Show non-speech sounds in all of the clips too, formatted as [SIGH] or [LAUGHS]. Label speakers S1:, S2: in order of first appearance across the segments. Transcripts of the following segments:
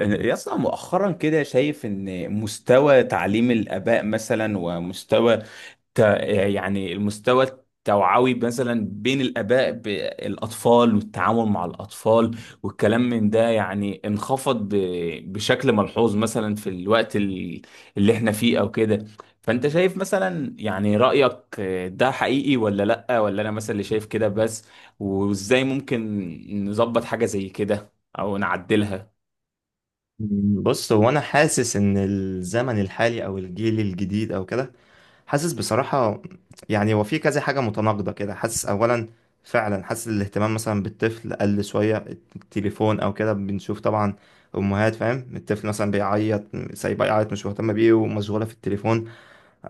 S1: يا اسطى، مؤخرا كده شايف ان مستوى تعليم الآباء مثلا ومستوى ت... يعني المستوى التوعوي مثلا بين الآباء بالأطفال والتعامل مع الأطفال والكلام من ده يعني انخفض بشكل ملحوظ مثلا في الوقت اللي احنا فيه أو كده. فأنت شايف مثلا يعني رأيك ده حقيقي ولا لأ، ولا أنا مثلا اللي شايف كده بس؟ وإزاي ممكن نظبط حاجة زي كده أو نعدلها؟
S2: بص هو انا حاسس ان الزمن الحالي او الجيل الجديد او كده حاسس بصراحة. يعني هو في كذا حاجة متناقضة كده حاسس اولا فعلا حاسس الاهتمام مثلا بالطفل قل شوية. التليفون او كده بنشوف طبعا امهات فاهم الطفل مثلا بيعيط سايبه يعيط مش مهتمة بيه ومشغولة في التليفون.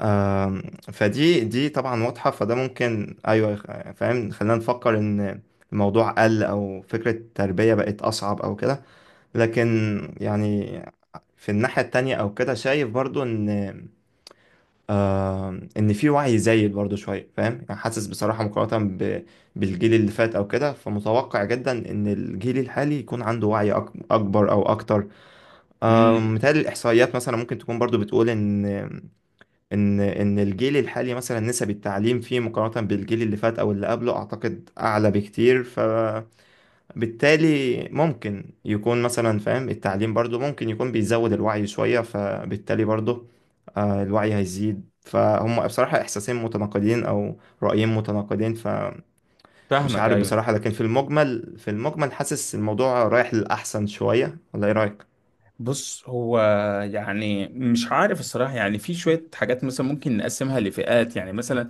S2: آم، فدي طبعا واضحة، فده ممكن ايوه فاهم خلينا نفكر ان الموضوع قل او فكرة التربية بقت اصعب او كده. لكن يعني في الناحية التانية أو كده شايف برضو إن، في وعي زايد برضو شوية فاهم، يعني حاسس بصراحة بالجيل اللي فات أو كده، فمتوقع جدا إن الجيل الحالي يكون عنده وعي أكبر أو أكتر.
S1: امم.
S2: متهيألي الإحصائيات مثلا ممكن تكون برضو بتقول إن الجيل الحالي مثلا نسب التعليم فيه مقارنة بالجيل اللي فات أو اللي قبله أعتقد أعلى بكتير، بالتالي ممكن يكون مثلا فاهم التعليم برضو ممكن يكون بيزود الوعي شوية، فبالتالي برضو الوعي هيزيد. فهم بصراحة إحساسين متناقضين أو رأيين متناقضين، فمش
S1: فاهمك،
S2: عارف
S1: ايوه.
S2: بصراحة، لكن في المجمل حاسس الموضوع رايح للأحسن شوية، ولا إيه رأيك؟
S1: بص، هو يعني مش عارف الصراحه، يعني في شويه حاجات مثلا ممكن نقسمها لفئات. يعني مثلا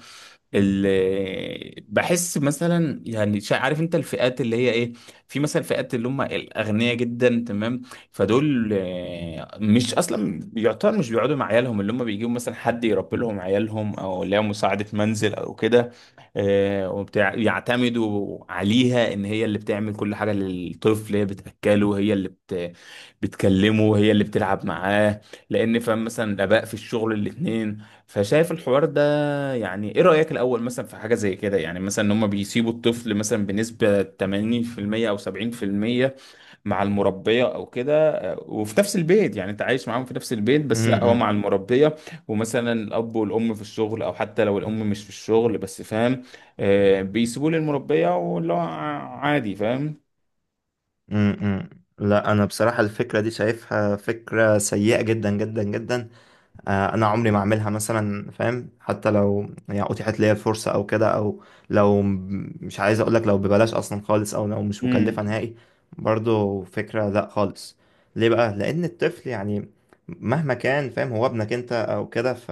S1: بحس مثلا يعني عارف انت الفئات اللي هي ايه. في مثلا فئات اللي هم الاغنياء جدا، تمام؟ فدول مش اصلا يعتبر، مش بيقعدوا مع عيالهم، اللي هم بيجيبوا مثلا حد يربي لهم عيالهم، او اللي هي مساعده منزل او كده، وبتاع. يعتمدوا عليها ان هي اللي بتعمل كل حاجه للطفل، هي بتاكله، هي اللي بتكلمه، هي اللي بتلعب معاه، لان فاهم مثلا الاباء في الشغل الاثنين. فشايف الحوار ده، يعني ايه رأيك الاول مثلا في حاجة زي كده؟ يعني مثلا ان هم بيسيبوا الطفل مثلا بنسبة 80% او 70% مع المربية او كده، وفي نفس البيت. يعني انت عايش معاهم في نفس البيت، بس لا، هو
S2: امم.
S1: مع المربية ومثلا الاب والام في الشغل، او حتى لو الام مش في الشغل، بس فاهم، بيسيبوه للمربية، واللي هو عادي، فاهم.
S2: امم. لا انا بصراحه الفكره دي شايفها فكره سيئه جدا جدا جدا. انا عمري ما اعملها مثلا فاهم، حتى لو يعني اتيحت ليا الفرصه او كده، او لو مش عايز اقولك لو ببلاش اصلا خالص، او لو مش مكلفه نهائي، برضو فكره لا خالص. ليه بقى؟ لان الطفل يعني مهما كان فاهم هو ابنك انت او كده،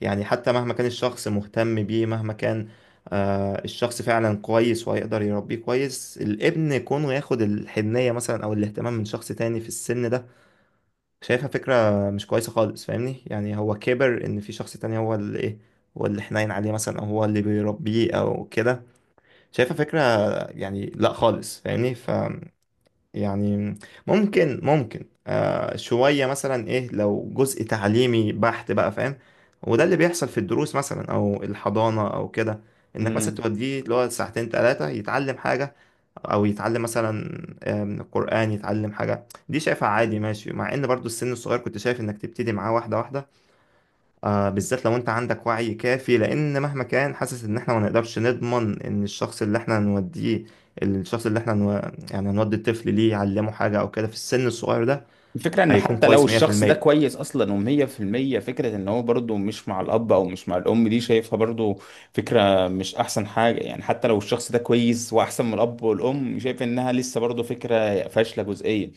S2: يعني حتى مهما كان الشخص مهتم بيه، مهما كان الشخص فعلا كويس وهيقدر يربيه كويس، الابن كونه ياخد الحنيه مثلا او الاهتمام من شخص تاني في السن ده شايفها فكرة مش كويسة خالص، فاهمني؟ يعني هو كبر ان في شخص تاني هو اللي ايه، هو اللي حنين عليه مثلا او هو اللي بيربيه او كده، شايفها فكرة، يعني لا خالص فاهمني. يعني ممكن شوية مثلا ايه لو جزء تعليمي بحت بقى فاهم، وده اللي بيحصل في الدروس مثلا او الحضانة او كده، انك مثلا
S1: امم.
S2: توديه اللي هو ساعتين تلاتة يتعلم حاجة، او يتعلم مثلا قرآن، يتعلم حاجة. دي شايفها عادي ماشي، مع ان برضو السن الصغير كنت شايف انك تبتدي معاه واحدة واحدة، بالذات لو انت عندك وعي كافي، لان مهما كان حاسس ان احنا ما نقدرش نضمن ان الشخص اللي احنا هنوديه الشخص اللي احنا نو... يعني هنودي الطفل ليه يعلمه حاجة او كده في السن الصغير ده،
S1: الفكرة انه
S2: هيكون
S1: حتى لو
S2: كويس
S1: الشخص ده
S2: 100%.
S1: كويس اصلا ومية في المية، فكرة ان هو برضه مش مع الاب او مش مع الام دي شايفها برضه فكرة مش احسن حاجة. يعني حتى لو الشخص ده كويس واحسن من الاب والام، شايف انها لسه برضه فكرة فاشلة جزئيا،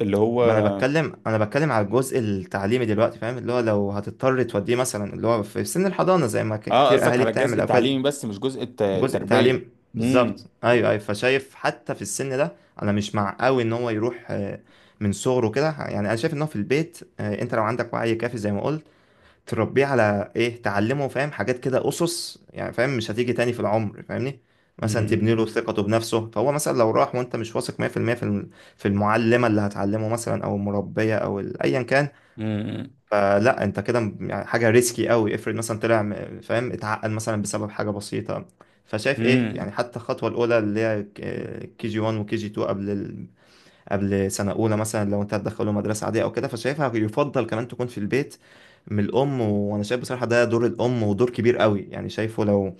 S1: اللي هو.
S2: ما انا بتكلم على الجزء التعليمي دلوقتي فاهم، اللي هو لو هتضطر توديه مثلا اللي هو في سن الحضانة زي ما
S1: اه،
S2: كتير
S1: قصدك
S2: اهالي
S1: على الجزء
S2: بتعمل او كده.
S1: التعليمي بس، مش جزء
S2: جزء
S1: التربية؟
S2: تعليم، بالظبط،
S1: امم.
S2: ايوه، ايوه، فشايف حتى في السن ده انا مش مع قوي ان هو يروح من صغره كده، يعني انا شايف ان هو في البيت، انت لو عندك وعي كافي زي ما قلت تربيه على ايه، تعلمه فاهم حاجات كده، اسس يعني فاهم مش هتيجي تاني في العمر، فاهمني؟ مثلا تبني
S1: امم.
S2: له ثقته بنفسه، فهو مثلا لو راح وانت مش واثق 100% في المية في المعلمه اللي هتعلمه مثلا او المربيه او ايا كان،
S1: امم.
S2: فلا انت كده يعني حاجه ريسكي قوي. افرض مثلا طلع فاهم اتعقد مثلا بسبب حاجه بسيطه. فشايف ايه، يعني حتى الخطوه الاولى اللي هي كي جي 1 وكي جي 2 قبل سنه اولى مثلا، لو انت هتدخله مدرسه عاديه او كده، فشايفها يفضل كمان تكون في البيت من الام. وانا شايف بصراحه ده دور الام ودور كبير قوي، يعني شايفه لو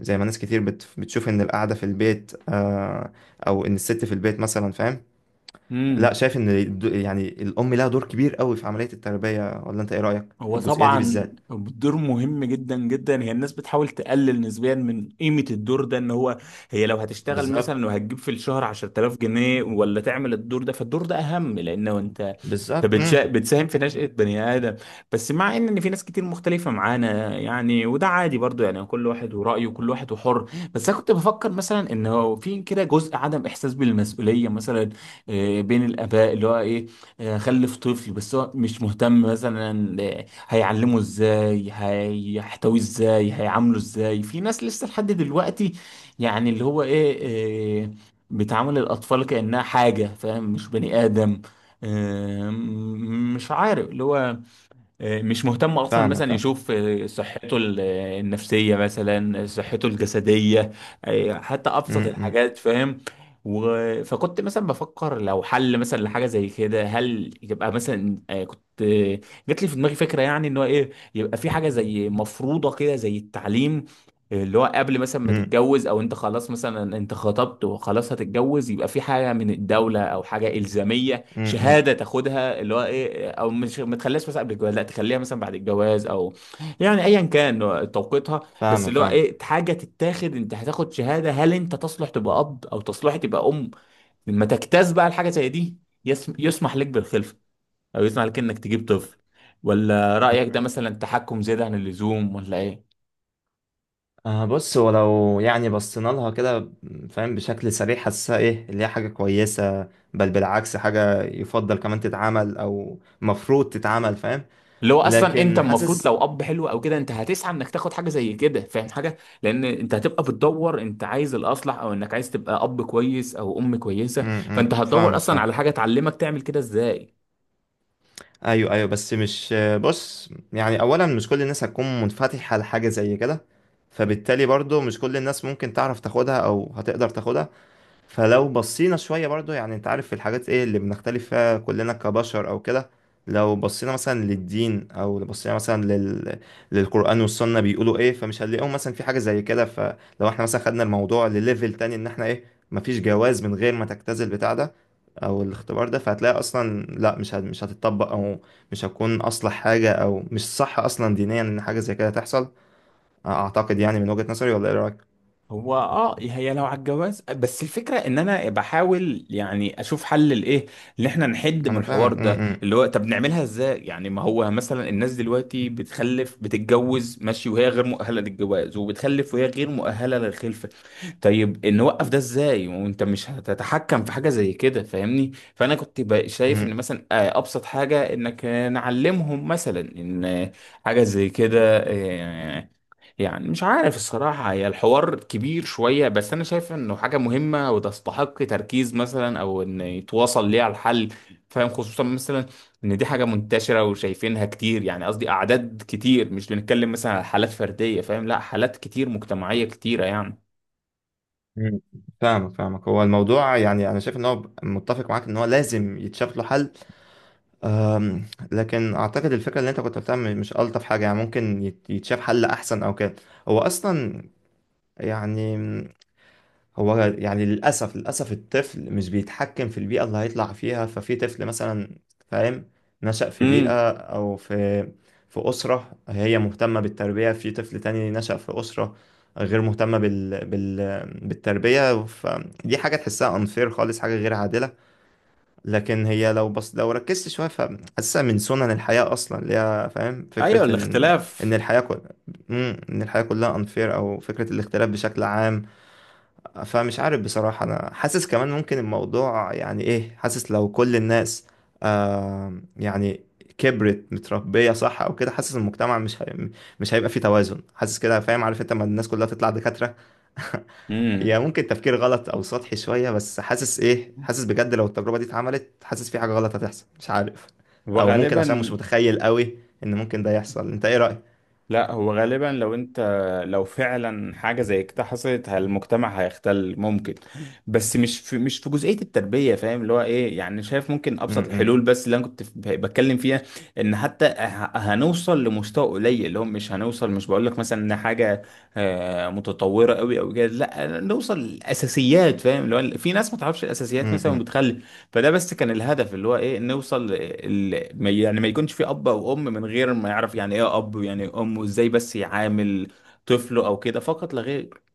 S2: زي ما ناس كتير بتشوف ان القعده في البيت او ان الست في البيت مثلا فاهم، لا،
S1: امم.
S2: شايف ان يعني الام لها دور كبير قوي في عمليه التربيه، ولا انت ايه رايك في
S1: هو
S2: الجزئيه دي
S1: طبعا
S2: بالذات؟
S1: الدور مهم جدا جدا. هي الناس بتحاول تقلل نسبيا من قيمة الدور ده، ان هو هي لو هتشتغل
S2: بالظبط.
S1: مثلا وهتجيب في الشهر 10,000 جنيه، ولا تعمل الدور ده، فالدور ده اهم، لانه انت
S2: بالظبط. امم.
S1: بتساهم في نشأة بني آدم. بس مع ان إن في ناس كتير مختلفة معانا يعني، وده عادي برضو، يعني كل واحد ورأيه، كل واحد وحر. بس انا كنت بفكر مثلا ان هو في كده جزء عدم احساس بالمسؤولية مثلا، بين الآباء، اللي هو ايه، خلف طفل بس هو مش مهتم مثلا، هيعلمه ازاي، هيحتويه ازاي، هيعامله ازاي. في ناس لسه لحد دلوقتي، يعني اللي هو ايه، بتعامل الأطفال كأنها حاجة فاهم، مش بني آدم. مش عارف اللي هو، مش مهتم اصلا
S2: فاهمك،
S1: مثلا
S2: فاهم.
S1: يشوف صحته النفسيه مثلا، صحته الجسديه، حتى ابسط
S2: امم.
S1: الحاجات، فاهم. فكنت مثلا بفكر لو حل مثلا لحاجه زي كده، هل يبقى مثلا كنت جات لي في دماغي فكره، يعني ان هو ايه، يبقى في حاجه زي مفروضه كده زي التعليم، اللي هو قبل مثلا ما
S2: امم.
S1: تتجوز، او انت خلاص مثلا انت خطبت وخلاص هتتجوز، يبقى في حاجه من الدوله او حاجه الزاميه،
S2: امم.
S1: شهاده تاخدها، اللي هو ايه، او مش ما تخليهاش مثلا قبل الجواز، لا، تخليها مثلا بعد الجواز، او يعني ايا كان توقيتها، بس
S2: فاهمك،
S1: اللي هو
S2: فاهم.
S1: ايه حاجه تتاخد. انت هتاخد شهاده، هل انت تصلح تبقى اب او تصلح تبقى ام، لما تجتاز بقى الحاجه زي دي يسمح لك بالخلفه، او يسمح لك انك تجيب طفل. ولا رايك ده مثلا تحكم زياده عن اللزوم، ولا ايه؟
S2: بص، ولو يعني بصينا لها كده فاهم بشكل سريع حاسسها ايه، اللي هي حاجة كويسة، بل بالعكس حاجة يفضل كمان تتعمل او مفروض تتعمل فاهم،
S1: اللي هو اصلا انت
S2: لكن
S1: المفروض
S2: حاسس.
S1: لو اب حلو او كده، انت هتسعى انك تاخد حاجه زي كده فاهم، حاجه، لان انت هتبقى بتدور، انت عايز الاصلح، او انك عايز تبقى اب كويس او ام كويسه،
S2: م-.
S1: فانت هتدور
S2: فاهمك،
S1: اصلا
S2: فاهم.
S1: على حاجه تعلمك تعمل كده ازاي.
S2: ايوه، ايوه، بس مش. بص، يعني اولا مش كل الناس هتكون منفتحه لحاجه زي كده، فبالتالي برضو مش كل الناس ممكن تعرف تاخدها او هتقدر تاخدها. فلو بصينا شوية برضو، يعني انت عارف الحاجات ايه اللي بنختلف فيها كلنا كبشر او كده، لو بصينا مثلا للدين او لو بصينا مثلا للقرآن والسنة بيقولوا ايه، فمش هنلاقيهم مثلا في حاجة زي كده. فلو احنا مثلا خدنا الموضوع لليفل تاني ان احنا ايه، مفيش جواز من غير ما تجتاز البتاع ده او الاختبار ده، فهتلاقي اصلا لا، مش هتطبق، او مش هتكون اصلح حاجة، او مش صح اصلا دينيا ان حاجة زي كده تحصل، اعتقد يعني من وجهة نظري، ولا ايه رأيك؟
S1: هو هي لو على الجواز بس، الفكره ان انا بحاول يعني اشوف حل لايه، ان احنا نحد
S2: ما
S1: من
S2: انا
S1: الحوار
S2: فاهمك. م-.
S1: ده،
S2: م-.
S1: اللي هو طب نعملها ازاي يعني؟ ما هو مثلا الناس دلوقتي بتخلف، بتتجوز ماشي وهي غير مؤهله للجواز، وبتخلف وهي غير مؤهله للخلفه. طيب نوقف ده ازاي؟ وانت مش هتتحكم في حاجه زي كده، فاهمني. فانا كنت بقى شايف ان
S2: م-.
S1: مثلا ابسط حاجه انك نعلمهم مثلا ان حاجه زي كده، آه، يعني مش عارف الصراحة، هي الحوار كبير شوية بس أنا شايف إنه حاجة مهمة، وتستحق تركيز مثلا، أو إن يتواصل ليها الحل فاهم، خصوصا مثلا إن دي حاجة منتشرة وشايفينها كتير. يعني قصدي أعداد كتير، مش بنتكلم مثلا على حالات فردية فاهم، لا، حالات كتير، مجتمعية كتيرة يعني.
S2: مم. فاهمك، فاهمك، هو الموضوع يعني انا شايف ان هو متفق معاك ان هو لازم يتشاف له حل. أم، لكن اعتقد الفكره اللي انت كنت بتعمل مش الطف حاجه، يعني ممكن يتشاف حل احسن او كده. هو اصلا يعني، هو يعني للأسف للأسف الطفل مش بيتحكم في البيئة اللي هيطلع فيها، ففي طفل مثلا فاهم نشأ في
S1: امم.
S2: بيئة أو في أسرة هي مهتمة بالتربية، في طفل تاني نشأ في أسرة غير مهتمة بالتربية، فدي حاجة تحسها unfair خالص، حاجة غير عادلة. لكن هي بس لو ركزت شوية فحاسسها من سنن الحياة أصلا اللي هي فاهم
S1: ايوه،
S2: فكرة إن
S1: الاختلاف.
S2: الحياة إن الحياة كلها unfair، أو فكرة الاختلاف بشكل عام. فمش عارف بصراحة، أنا حاسس كمان ممكن الموضوع يعني إيه، حاسس لو كل الناس يعني كبرت متربية صح أو كده، حاسس المجتمع مش هيبقى فيه توازن، حاسس كده فاهم، عارف أنت لما الناس كلها تطلع دكاترة [LAUGHS] هي
S1: امم.
S2: ممكن تفكير غلط أو سطحي شوية، بس حاسس إيه، حاسس بجد لو التجربة دي اتعملت حاسس في حاجة غلط هتحصل، مش عارف، أو ممكن
S1: وغالبا
S2: عشان مش متخيل قوي إن ممكن ده يحصل. أنت إيه رأيك؟
S1: لا، هو غالبا لو انت، لو فعلا حاجه زي كده حصلت، المجتمع هيختل ممكن. بس مش في جزئيه التربيه فاهم. اللي هو ايه يعني، شايف ممكن
S2: م-.
S1: ابسط
S2: م-.
S1: الحلول بس، اللي انا كنت بتكلم فيها، ان حتى هنوصل لمستوى قليل، اللي هو مش هنوصل، مش بقول لك مثلا ان حاجه متطوره قوي او كده، لا، نوصل لاساسيات فاهم، اللي هو في ناس ما تعرفش
S2: م-.
S1: الاساسيات مثلا
S2: م.
S1: وبتخلي. فده بس كان الهدف، اللي هو ايه، نوصل يعني ما يكونش في اب او ام من غير ما يعرف يعني ايه اب ويعني ايه ام، وازاي بس يعامل طفله او كده، فقط لا غير.